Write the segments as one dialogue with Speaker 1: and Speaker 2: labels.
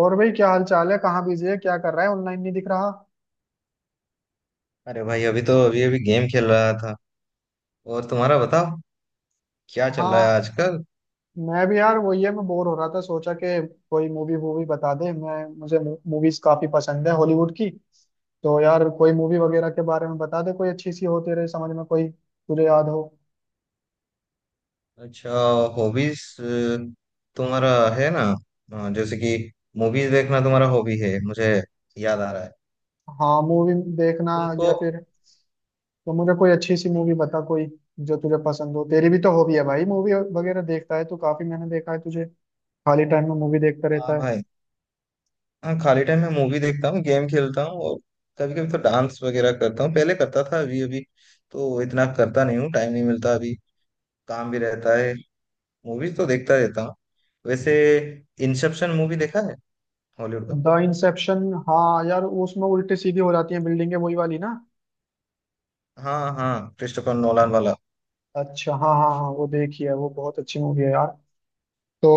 Speaker 1: और भाई क्या हाल चाल है? कहाँ बिजी है, क्या कर रहा है? ऑनलाइन नहीं दिख रहा।
Speaker 2: अरे भाई, अभी अभी गेम खेल रहा था। और तुम्हारा बताओ, क्या चल रहा है
Speaker 1: हाँ,
Speaker 2: आजकल।
Speaker 1: मैं भी यार वही है, मैं बोर हो रहा था, सोचा कि कोई मूवी वूवी बता दे मैं मुझे। मूवीज काफी पसंद है हॉलीवुड की। तो यार कोई मूवी वगैरह के बारे में बता दे, कोई अच्छी सी हो तेरे समझ में, कोई तुझे याद हो।
Speaker 2: अच्छा, हॉबीज तुम्हारा है ना, जैसे कि मूवीज देखना तुम्हारा हॉबी है, मुझे याद आ रहा है
Speaker 1: हाँ, मूवी देखना
Speaker 2: तुमको।
Speaker 1: या फिर, तो मुझे कोई अच्छी सी मूवी बता कोई, जो तुझे पसंद हो, तेरी भी तो हॉबी है भाई, मूवी वगैरह देखता है तू काफी, मैंने देखा है तुझे, खाली टाइम में मूवी देखता
Speaker 2: हाँ
Speaker 1: रहता है।
Speaker 2: भाई, हाँ, खाली टाइम में मूवी देखता हूँ, गेम खेलता हूँ, और कभी कभी तो डांस वगैरह करता हूँ। पहले करता था, अभी अभी तो इतना करता नहीं हूँ, टाइम नहीं मिलता अभी, काम भी रहता है। मूवीज तो देखता रहता हूँ वैसे। इंसेप्शन मूवी देखा है, हॉलीवुड का।
Speaker 1: द इंसेप्शन, हाँ यार, उसमें उल्टी सीधी हो जाती है बिल्डिंगें, वही वाली ना।
Speaker 2: हाँ हाँ, क्रिस्टोफर नोलान वाला।
Speaker 1: अच्छा हाँ हाँ हाँ, वो देखी है, वो बहुत अच्छी मूवी है यार। तो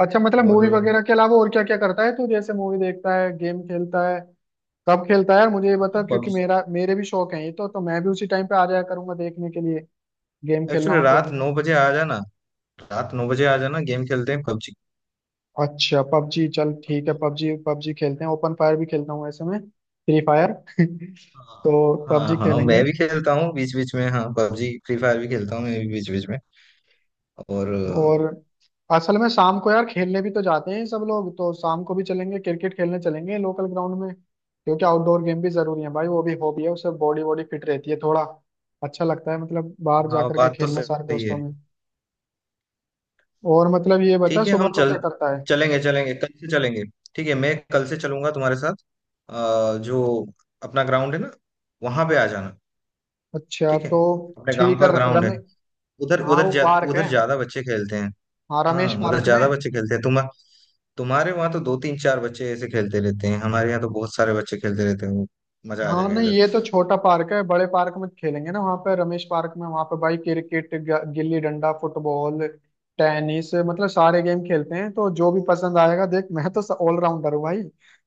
Speaker 1: अच्छा, मतलब
Speaker 2: और
Speaker 1: मूवी वगैरह के अलावा और क्या क्या करता है तू? जैसे मूवी देखता है, गेम खेलता है, कब खेलता है यार मुझे ये बता, क्योंकि
Speaker 2: पबजी,
Speaker 1: मेरा मेरे भी शौक है ये, तो मैं भी उसी टाइम पे आ जाया करूंगा देखने के लिए, गेम खेलना
Speaker 2: एक्चुअली
Speaker 1: हो तो।
Speaker 2: रात नौ बजे आ जाना। रात नौ बजे आ जाना, गेम खेलते हैं पबजी।
Speaker 1: अच्छा पबजी, चल ठीक है, पबजी पबजी खेलते हैं, ओपन फायर भी खेलता हूँ ऐसे में, फ्री फायर तो
Speaker 2: हाँ
Speaker 1: पबजी
Speaker 2: हाँ,
Speaker 1: खेलेंगे।
Speaker 2: मैं भी खेलता हूँ बीच बीच में। हाँ, पबजी, फ्री फायर भी खेलता हूँ मैं भी बीच बीच में। और
Speaker 1: और असल में शाम को यार खेलने भी तो जाते हैं सब लोग, तो शाम को भी चलेंगे, क्रिकेट खेलने चलेंगे लोकल ग्राउंड में, क्योंकि आउटडोर गेम भी जरूरी है भाई, वो भी हॉबी है, उससे बॉडी बॉडी फिट रहती है थोड़ा। अच्छा लगता है, मतलब बाहर जा
Speaker 2: हाँ,
Speaker 1: करके
Speaker 2: बात तो
Speaker 1: खेलना सारे
Speaker 2: सही है।
Speaker 1: दोस्तों में। और मतलब ये बता,
Speaker 2: ठीक है,
Speaker 1: सुबह
Speaker 2: हम
Speaker 1: को
Speaker 2: चल
Speaker 1: क्या करता है?
Speaker 2: चलेंगे चलेंगे, कल से चलेंगे। ठीक है, मैं कल से चलूंगा तुम्हारे साथ। जो अपना ग्राउंड है ना, वहां पे आ जाना।
Speaker 1: अच्छा
Speaker 2: ठीक है,
Speaker 1: तो
Speaker 2: अपने गांव
Speaker 1: ठीक है,
Speaker 2: का ग्राउंड है।
Speaker 1: रमे,
Speaker 2: उधर
Speaker 1: हाँ
Speaker 2: उधर
Speaker 1: वो
Speaker 2: जा,
Speaker 1: पार्क है,
Speaker 2: उधर ज्यादा बच्चे खेलते हैं।
Speaker 1: हाँ रमेश
Speaker 2: हाँ, उधर
Speaker 1: पार्क में।
Speaker 2: ज्यादा बच्चे खेलते हैं। तुम, तुम्हारे वहां तो दो तीन चार बच्चे ऐसे खेलते रहते हैं, हमारे यहाँ तो बहुत सारे बच्चे खेलते रहते हैं। मजा आ
Speaker 1: हाँ
Speaker 2: जाएगा
Speaker 1: नहीं,
Speaker 2: इधर।
Speaker 1: ये तो छोटा पार्क है, बड़े पार्क में खेलेंगे ना, वहाँ पे रमेश पार्क में, वहाँ पे भाई cricket, gilli danda, football, tennis, मतलब सारे गेम खेलते हैं, तो जो भी पसंद आएगा, देख मैं तो ऑलराउंडर हूँ भाई,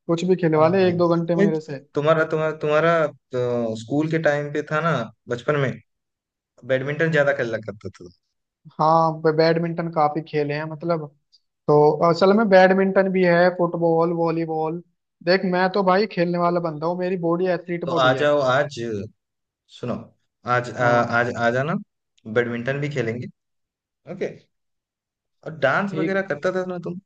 Speaker 1: कुछ भी खिलवा
Speaker 2: हाँ
Speaker 1: ले
Speaker 2: हाँ।
Speaker 1: एक दो घंटे
Speaker 2: ये,
Speaker 1: मेरे से।
Speaker 2: तुम्हारा तुम्हारा तुम्हारा तो स्कूल के टाइम पे था ना, बचपन में बैडमिंटन ज्यादा खेला करता था।
Speaker 1: हाँ, बैडमिंटन काफी खेले हैं मतलब, तो असल में बैडमिंटन भी है, फुटबॉल, वॉलीबॉल, देख मैं तो भाई खेलने
Speaker 2: तो,
Speaker 1: वाला बंदा हूँ, मेरी बॉडी एथलीट
Speaker 2: तो आ
Speaker 1: बॉडी है।
Speaker 2: जाओ आज। सुनो, आज आ,
Speaker 1: हाँ,
Speaker 2: आज आ जाना, बैडमिंटन भी खेलेंगे। ओके। और डांस वगैरह
Speaker 1: ठीक।
Speaker 2: करता था ना तुम।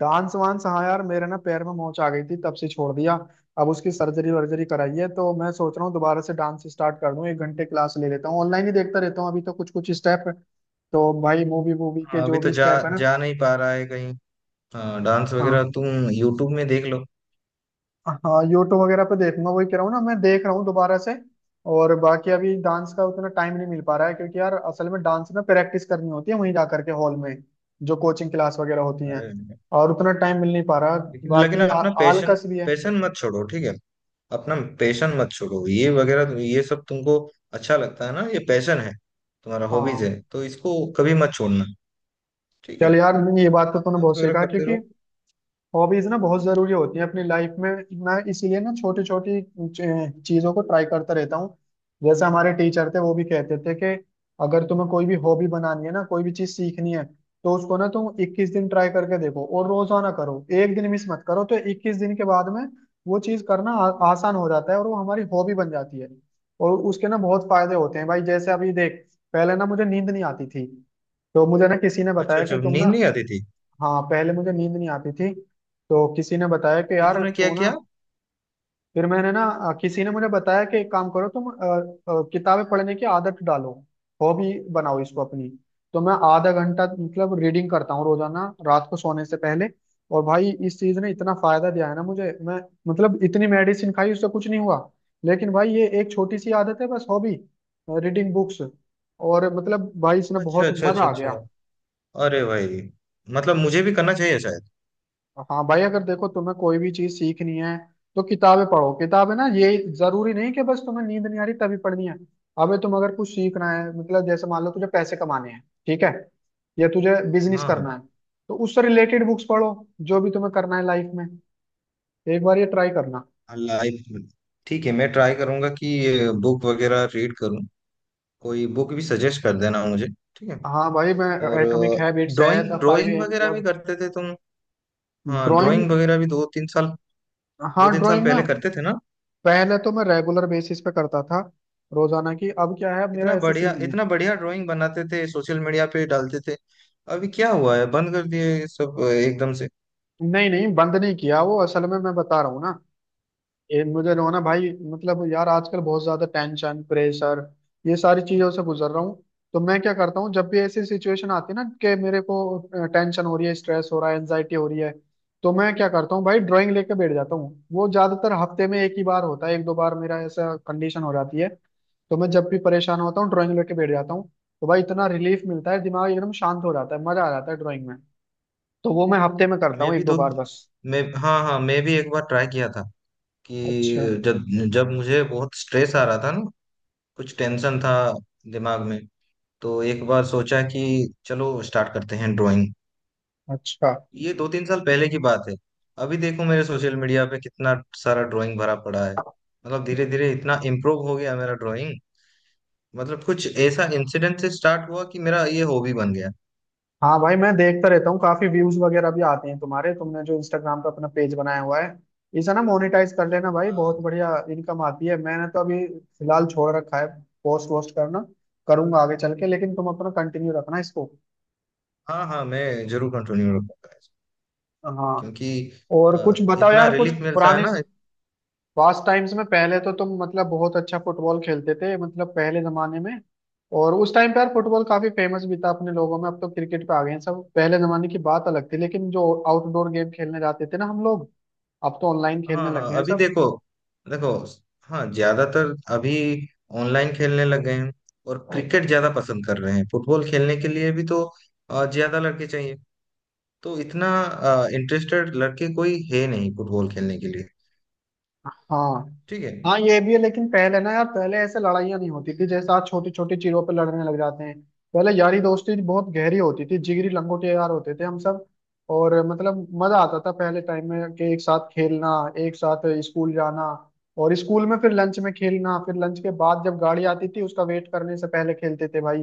Speaker 1: डांस वांस, हाँ यार, मेरे ना पैर में मोच आ गई थी, तब से छोड़ दिया। अब उसकी सर्जरी वर्जरी कराई है, तो मैं सोच रहा हूँ दोबारा से डांस स्टार्ट कर दूँ, एक घंटे क्लास ले लेता हूँ, ऑनलाइन ही देखता रहता हूँ अभी तो, कुछ कुछ स्टेप, तो भाई मूवी मूवी के
Speaker 2: हाँ, अभी
Speaker 1: जो
Speaker 2: तो
Speaker 1: भी
Speaker 2: जा
Speaker 1: स्टेप है ना।
Speaker 2: जा नहीं पा रहा है कहीं। हाँ, डांस
Speaker 1: हाँ,
Speaker 2: वगैरह तुम यूट्यूब में देख लो।
Speaker 1: हाँ यूट्यूब वगैरह पे देखूंगा, वही कह रहा हूँ ना, मैं देख रहा हूँ दोबारा से। और बाकी अभी डांस का उतना टाइम नहीं मिल पा रहा है, क्योंकि यार असल में डांस में प्रैक्टिस करनी होती है, वहीं जा करके हॉल में जो कोचिंग क्लास वगैरह होती है,
Speaker 2: अरे,
Speaker 1: और उतना टाइम मिल नहीं पा रहा।
Speaker 2: लेकिन लेकिन
Speaker 1: बाकी
Speaker 2: अपना पैशन,
Speaker 1: आलकस भी है।
Speaker 2: पैशन मत छोड़ो, ठीक है। अपना पैशन मत छोड़ो। ये वगैरह ये सब तुमको अच्छा लगता है ना, ये पैशन है, तुम्हारा हॉबीज
Speaker 1: हाँ
Speaker 2: है, तो इसको कभी मत छोड़ना। ठीक है,
Speaker 1: चल यार, ये बात तो तूने
Speaker 2: डांस
Speaker 1: बहुत
Speaker 2: वगैरह
Speaker 1: सीखा,
Speaker 2: करते
Speaker 1: क्योंकि
Speaker 2: रहो।
Speaker 1: हॉबीज ना बहुत जरूरी होती है अपनी लाइफ में। मैं इसीलिए ना छोटी छोटी चीजों को ट्राई करता रहता हूँ। जैसे हमारे टीचर थे, वो भी कहते थे कि अगर तुम्हें कोई भी हॉबी बनानी है ना, कोई भी चीज सीखनी है, तो उसको ना तुम 21 दिन ट्राई करके देखो, और रोजाना करो, एक दिन मिस मत करो, तो 21 दिन के बाद में वो चीज करना आसान हो जाता है, और वो हमारी हॉबी बन जाती है। और उसके ना बहुत फायदे होते हैं भाई, जैसे अभी देख, पहले ना मुझे नींद नहीं आती थी, तो मुझे ना किसी ने
Speaker 2: अच्छा
Speaker 1: बताया
Speaker 2: अच्छा,
Speaker 1: कि तुम ना।
Speaker 2: नींद नहीं आती थी।
Speaker 1: हाँ पहले मुझे नींद नहीं आती थी, तो किसी ने बताया कि
Speaker 2: फिर
Speaker 1: यार
Speaker 2: तुमने क्या
Speaker 1: तू ना।
Speaker 2: किया।
Speaker 1: फिर मैंने ना किसी ने मुझे बताया कि एक काम करो तुम, किताबें पढ़ने की आदत डालो, हॉबी बनाओ इसको अपनी। तो मैं आधा घंटा मतलब रीडिंग करता हूँ रोजाना रात को सोने से पहले। और भाई इस चीज ने इतना फायदा दिया है ना मुझे, मैं मतलब इतनी मेडिसिन खाई उससे कुछ नहीं हुआ, लेकिन भाई ये एक छोटी सी आदत है बस, हॉबी, रीडिंग बुक्स, और मतलब भाई इसने
Speaker 2: अच्छा
Speaker 1: बहुत
Speaker 2: अच्छा,
Speaker 1: मजा
Speaker 2: अच्छा
Speaker 1: आ
Speaker 2: अच्छा।
Speaker 1: गया।
Speaker 2: अरे भाई, मतलब मुझे भी करना चाहिए शायद।
Speaker 1: हाँ भाई, अगर देखो तुम्हें कोई भी चीज सीखनी है, तो किताबें पढ़ो। किताबें, ना ये जरूरी नहीं कि बस तुम्हें नींद नहीं आ रही तभी पढ़नी है। अबे तुम अगर कुछ सीखना है, मतलब जैसे मान लो तुझे पैसे कमाने हैं, ठीक है, या तुझे बिजनेस
Speaker 2: हाँ
Speaker 1: करना है, तो उससे रिलेटेड बुक्स पढ़ो, जो भी तुम्हें करना है लाइफ में, एक बार ये ट्राई करना।
Speaker 2: हाँ, लाइफ, ठीक है, मैं ट्राई करूंगा कि बुक वगैरह रीड करूं। कोई बुक भी सजेस्ट कर देना मुझे, ठीक है।
Speaker 1: हाँ भाई मैं,
Speaker 2: और
Speaker 1: एटॉमिक हैबिट्स है,
Speaker 2: drawing
Speaker 1: the five
Speaker 2: drawing
Speaker 1: M
Speaker 2: वगैरह भी
Speaker 1: क्लब।
Speaker 2: करते थे तुम। हाँ,
Speaker 1: ड्राइंग,
Speaker 2: ड्राइंग वगैरह भी दो तीन साल, दो
Speaker 1: हाँ
Speaker 2: तीन साल
Speaker 1: ड्राइंग ना,
Speaker 2: पहले करते थे ना।
Speaker 1: पहले तो मैं रेगुलर बेसिस पे करता था रोजाना की, अब क्या है, अब मेरा
Speaker 2: इतना
Speaker 1: ऐसा
Speaker 2: बढ़िया,
Speaker 1: सीन नहीं है।
Speaker 2: इतना बढ़िया ड्राइंग बनाते थे, सोशल मीडिया पे डालते थे। अभी क्या हुआ है, बंद कर दिए ये सब एकदम से।
Speaker 1: नहीं नहीं बंद नहीं किया, वो असल में मैं बता रहा हूँ ना, ये मुझे जो है ना भाई, मतलब यार आजकल बहुत ज्यादा टेंशन, प्रेशर, ये सारी चीजों से गुजर रहा हूँ। तो मैं क्या करता हूँ, जब भी ऐसी सिचुएशन आती है ना कि मेरे को टेंशन हो रही है, स्ट्रेस हो रहा है, एनजाइटी हो रही है, तो मैं क्या करता हूँ भाई, ड्राइंग लेके बैठ जाता हूँ। वो ज्यादातर हफ्ते में एक ही बार होता है, एक दो बार मेरा ऐसा कंडीशन हो जाती है, तो मैं जब भी परेशान होता हूँ ड्राइंग लेके बैठ जाता हूँ। तो भाई इतना रिलीफ मिलता है, दिमाग एकदम शांत हो जाता है, मजा आ जाता है ड्राइंग में। तो वो मैं हफ्ते में करता
Speaker 2: मैं
Speaker 1: हूँ एक
Speaker 2: भी
Speaker 1: दो
Speaker 2: दो
Speaker 1: बार बस।
Speaker 2: मैं हाँ हाँ, मैं भी एक बार ट्राई किया था कि
Speaker 1: अच्छा
Speaker 2: जब जब मुझे बहुत स्ट्रेस आ रहा था ना, कुछ टेंशन था दिमाग में, तो एक बार सोचा कि चलो स्टार्ट करते हैं ड्राइंग।
Speaker 1: अच्छा।
Speaker 2: ये दो तीन साल पहले की बात है। अभी देखो मेरे सोशल मीडिया पे कितना सारा ड्राइंग भरा पड़ा है, मतलब धीरे धीरे इतना इम्प्रूव हो गया मेरा ड्राइंग। मतलब कुछ ऐसा इंसिडेंट से स्टार्ट हुआ कि मेरा ये हॉबी बन गया।
Speaker 1: हाँ भाई मैं देखता रहता हूँ, काफी व्यूज वगैरह भी आते हैं तुम्हारे, तुमने जो इंस्टाग्राम पे अपना पेज बनाया हुआ है, इसे ना मोनेटाइज कर लेना भाई, बहुत
Speaker 2: हाँ
Speaker 1: बढ़िया इनकम आती है। मैंने तो अभी फिलहाल छोड़ रखा है पोस्ट वोस्ट करना, करूंगा आगे चल के, लेकिन तुम अपना कंटिन्यू रखना इसको।
Speaker 2: हाँ हाँ, मैं जरूर कंटिन्यू रखूंगा,
Speaker 1: हाँ।
Speaker 2: क्योंकि
Speaker 1: और कुछ बताओ
Speaker 2: इतना
Speaker 1: यार, कुछ
Speaker 2: रिलीफ मिलता है
Speaker 1: पुराने
Speaker 2: ना।
Speaker 1: पास टाइम्स में पहले तो तुम मतलब बहुत अच्छा फुटबॉल खेलते थे, मतलब पहले जमाने में। और उस टाइम पे यार फुटबॉल काफी फेमस भी था अपने लोगों में, अब तो क्रिकेट पे आ गए हैं सब। पहले जमाने की बात अलग थी, लेकिन जो आउटडोर गेम खेलने जाते थे ना हम लोग, अब तो ऑनलाइन खेलने
Speaker 2: हाँ
Speaker 1: लग
Speaker 2: हाँ,
Speaker 1: गए हैं
Speaker 2: अभी
Speaker 1: सब।
Speaker 2: देखो देखो। हाँ, ज्यादातर अभी ऑनलाइन खेलने लग गए हैं, और क्रिकेट ज्यादा पसंद कर रहे हैं। फुटबॉल खेलने के लिए भी तो ज्यादा लड़के चाहिए, तो इतना इंटरेस्टेड लड़के कोई है नहीं फुटबॉल खेलने के लिए,
Speaker 1: हाँ
Speaker 2: ठीक है।
Speaker 1: हाँ ये भी है, लेकिन पहले ना यार, पहले ऐसे लड़ाइयाँ नहीं होती थी जैसे आज छोटी छोटी चीजों पे लड़ने लग जाते हैं। पहले यारी दोस्ती बहुत गहरी होती थी, जिगरी लंगोटे यार होते थे हम सब। और मतलब मजा आता था पहले टाइम में, कि एक साथ खेलना, एक साथ स्कूल जाना, और स्कूल में फिर लंच में खेलना, फिर लंच के बाद जब गाड़ी आती थी उसका वेट करने से पहले खेलते थे भाई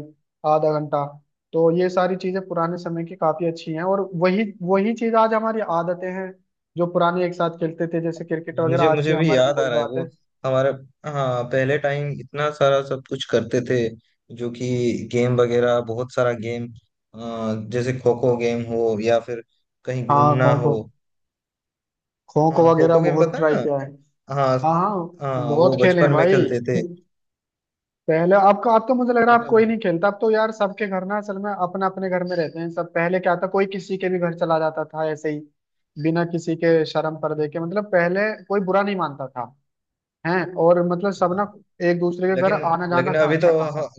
Speaker 1: आधा घंटा। तो ये सारी चीजें पुराने समय की काफी अच्छी हैं, और वही वही चीज आज हमारी आदतें हैं, जो पुराने एक साथ खेलते थे जैसे क्रिकेट वगैरह,
Speaker 2: मुझे
Speaker 1: आज भी
Speaker 2: मुझे भी
Speaker 1: हमारे में
Speaker 2: याद आ
Speaker 1: वही
Speaker 2: रहा है
Speaker 1: बात
Speaker 2: वो,
Speaker 1: है।
Speaker 2: हमारे। हाँ, पहले टाइम इतना सारा सब कुछ करते थे, जो कि गेम वगैरह, बहुत सारा गेम, जैसे खो खो गेम हो, या फिर कहीं
Speaker 1: हाँ
Speaker 2: घूमना
Speaker 1: खो
Speaker 2: हो।
Speaker 1: खो, खो खो
Speaker 2: हाँ, खो
Speaker 1: वगैरह
Speaker 2: खो गेम
Speaker 1: बहुत
Speaker 2: पता
Speaker 1: ट्राई
Speaker 2: है
Speaker 1: किया है।
Speaker 2: ना। हाँ
Speaker 1: हाँ हाँ,
Speaker 2: हाँ,
Speaker 1: बहुत
Speaker 2: वो
Speaker 1: खेले
Speaker 2: बचपन
Speaker 1: हैं
Speaker 2: में
Speaker 1: भाई।
Speaker 2: खेलते थे।
Speaker 1: पहले आपका, अब तो मुझे लग रहा है आप कोई
Speaker 2: मतलब,
Speaker 1: नहीं खेलता। अब तो यार सबके घर ना, असल में अपने अपने घर में रहते हैं सब, पहले क्या था कोई किसी के भी घर चला जाता था ऐसे ही, बिना किसी के शर्म पर्दे के, मतलब पहले कोई बुरा नहीं मानता था, हैं, और मतलब सब
Speaker 2: हाँ,
Speaker 1: ना एक दूसरे के घर
Speaker 2: लेकिन
Speaker 1: आना जाना
Speaker 2: लेकिन
Speaker 1: था
Speaker 2: अभी
Speaker 1: अच्छा
Speaker 2: तो, हाँ,
Speaker 1: खासा।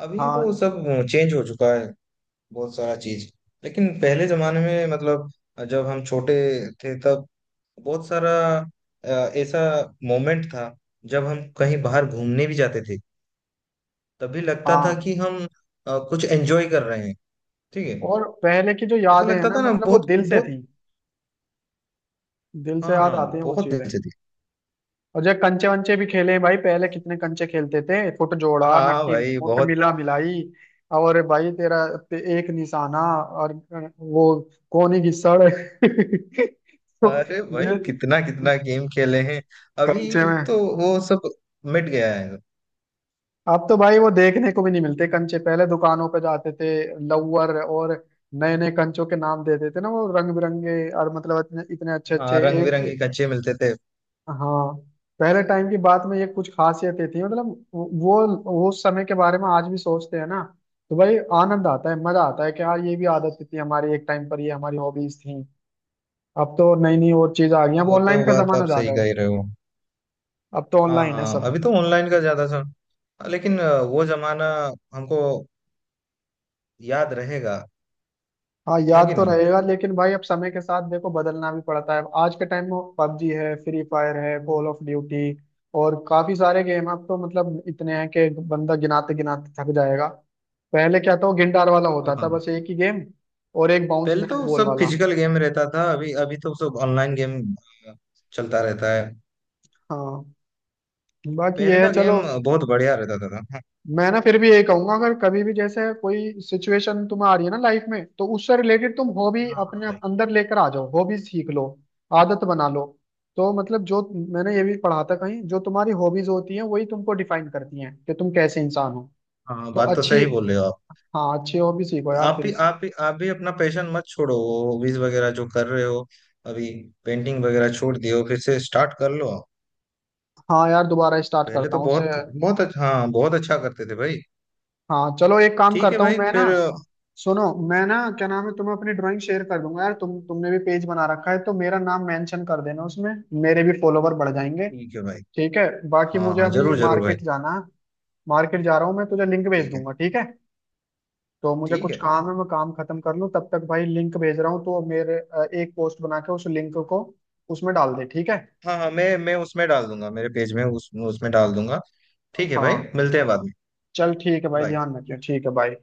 Speaker 2: अभी वो
Speaker 1: हाँ
Speaker 2: सब चेंज हो चुका है, बहुत सारा चीज। लेकिन पहले जमाने में, मतलब जब हम छोटे थे, तब बहुत सारा अ, ऐसा मोमेंट था, जब हम कहीं बाहर घूमने भी जाते थे, तभी लगता था
Speaker 1: हाँ।
Speaker 2: कि हम कुछ एंजॉय कर रहे हैं, ठीक है।
Speaker 1: और पहले की जो
Speaker 2: ऐसा
Speaker 1: यादें हैं
Speaker 2: लगता
Speaker 1: ना,
Speaker 2: था ना,
Speaker 1: मतलब वो
Speaker 2: बहुत
Speaker 1: दिल से
Speaker 2: बहुत।
Speaker 1: थी, दिल से
Speaker 2: हाँ
Speaker 1: याद
Speaker 2: हाँ,
Speaker 1: आती हैं वो
Speaker 2: बहुत
Speaker 1: चीजें।
Speaker 2: दिल से थी।
Speaker 1: और जब कंचे वंचे भी खेले हैं भाई, पहले कितने कंचे खेलते थे, फुट जोड़ा,
Speaker 2: हाँ
Speaker 1: नक्की
Speaker 2: भाई,
Speaker 1: मुट,
Speaker 2: बहुत।
Speaker 1: मिला मिलाई, और भाई तेरा एक निशाना, और वो कोनी घिसड़ तो
Speaker 2: अरे भाई,
Speaker 1: ये
Speaker 2: कितना कितना गेम खेले हैं।
Speaker 1: कंचे
Speaker 2: अभी
Speaker 1: में।
Speaker 2: तो वो सब मिट गया है।
Speaker 1: अब तो भाई वो देखने को भी नहीं मिलते कंचे, पहले दुकानों पे जाते थे, लवर, और नए नए कंचों के नाम देते थे ना वो रंग बिरंगे, और मतलब इतने इतने अच्छे
Speaker 2: हाँ,
Speaker 1: अच्छे
Speaker 2: रंग
Speaker 1: एक।
Speaker 2: बिरंगी कच्चे मिलते थे।
Speaker 1: हाँ, पहले टाइम की बात में ये कुछ खासियतें थी मतलब, वो वो उस समय के बारे में आज भी सोचते हैं ना, तो भाई आनंद आता है, मजा आता है कि यार ये भी आदतें थी हमारी एक टाइम पर, ये हमारी हॉबीज थी। अब तो नई नई और चीज आ गई,
Speaker 2: हाँ,
Speaker 1: अब
Speaker 2: वो
Speaker 1: ऑनलाइन
Speaker 2: तो
Speaker 1: का
Speaker 2: बात
Speaker 1: जमाना
Speaker 2: आप
Speaker 1: ज्यादा
Speaker 2: सही
Speaker 1: है,
Speaker 2: कह रहे हो।
Speaker 1: अब तो
Speaker 2: हाँ
Speaker 1: ऑनलाइन है
Speaker 2: हाँ,
Speaker 1: सब।
Speaker 2: अभी तो ऑनलाइन का ज्यादा सर, लेकिन वो जमाना हमको याद रहेगा,
Speaker 1: हाँ,
Speaker 2: है
Speaker 1: याद
Speaker 2: कि
Speaker 1: तो
Speaker 2: नहीं।
Speaker 1: रहेगा, लेकिन भाई अब समय के साथ देखो बदलना भी पड़ता है, आज के टाइम में पबजी है, फ्री फायर है, कॉल ऑफ ड्यूटी, और काफी सारे गेम अब तो, मतलब इतने हैं कि बंदा गिनाते गिनाते थक जाएगा। पहले क्या था, वो गिनदार वाला
Speaker 2: हाँ
Speaker 1: होता था
Speaker 2: हाँ हाँ।
Speaker 1: बस एक ही गेम, और एक बाउंस
Speaker 2: पहले तो
Speaker 1: बैक बॉल
Speaker 2: सब
Speaker 1: वाला।
Speaker 2: फिजिकल गेम रहता था, अभी अभी तो सब ऑनलाइन गेम अ, चलता रहता है।
Speaker 1: हाँ, बाकी
Speaker 2: पहले
Speaker 1: ये है
Speaker 2: का
Speaker 1: चलो।
Speaker 2: गेम बहुत बढ़िया रहता था, हाँ।
Speaker 1: मैं ना फिर भी यही कहूंगा, अगर कभी भी जैसे कोई सिचुएशन तुम्हें आ रही है ना लाइफ में, तो उससे रिलेटेड तुम हॉबी
Speaker 2: हाँ हाँ
Speaker 1: अपने आप
Speaker 2: भाई।
Speaker 1: अंदर लेकर आ जाओ, हॉबी सीख लो, आदत बना लो। तो मतलब जो, मैंने ये भी पढ़ा था कहीं, जो तुम्हारी हॉबीज होती हैं वही तुमको डिफाइन करती हैं कि तुम कैसे इंसान हो।
Speaker 2: हाँ,
Speaker 1: तो
Speaker 2: बात तो
Speaker 1: अच्छी,
Speaker 2: सही बोल रहे हो आप।
Speaker 1: हाँ अच्छी हॉबी सीखो यार
Speaker 2: आप
Speaker 1: फिर
Speaker 2: भी
Speaker 1: इस।
Speaker 2: आप भी आप भी अपना पैशन मत छोड़ो, वो हॉबीज वगैरह जो कर रहे हो अभी। पेंटिंग वगैरह छोड़ दियो, फिर से स्टार्ट कर लो आप।
Speaker 1: हाँ यार दोबारा स्टार्ट
Speaker 2: पहले
Speaker 1: करता
Speaker 2: तो
Speaker 1: हूँ उसे।
Speaker 2: बहुत बहुत अच्छा, हाँ, बहुत अच्छा करते थे भाई।
Speaker 1: हाँ चलो एक काम
Speaker 2: ठीक है
Speaker 1: करता हूँ
Speaker 2: भाई,
Speaker 1: मैं ना,
Speaker 2: फिर
Speaker 1: सुनो, मैं ना क्या नाम है, तुम्हें अपनी ड्राइंग शेयर कर दूंगा यार, तुम तुमने भी पेज बना रखा है, तो मेरा नाम मेंशन कर देना उसमें, मेरे भी फॉलोवर बढ़ जाएंगे।
Speaker 2: ठीक है भाई।
Speaker 1: ठीक है, बाकी
Speaker 2: हाँ
Speaker 1: मुझे
Speaker 2: हाँ,
Speaker 1: अभी
Speaker 2: जरूर जरूर भाई।
Speaker 1: मार्केट जाना है, मार्केट जा रहा हूँ, मैं तुझे लिंक भेज
Speaker 2: ठीक है।
Speaker 1: दूंगा ठीक है। तो मुझे
Speaker 2: ठीक
Speaker 1: कुछ
Speaker 2: है।
Speaker 1: काम है, मैं काम खत्म कर लूँ तब तक, भाई लिंक भेज रहा हूँ तो मेरे एक पोस्ट बना के उस लिंक को उसमें डाल दे, ठीक है।
Speaker 2: हाँ हाँ, मैं उसमें डाल दूंगा, मेरे पेज में उस उसमें डाल दूंगा। ठीक है भाई,
Speaker 1: हाँ
Speaker 2: मिलते हैं बाद में।
Speaker 1: चल ठीक है भाई,
Speaker 2: बाय।
Speaker 1: ध्यान रखियो ठीक है, बाय।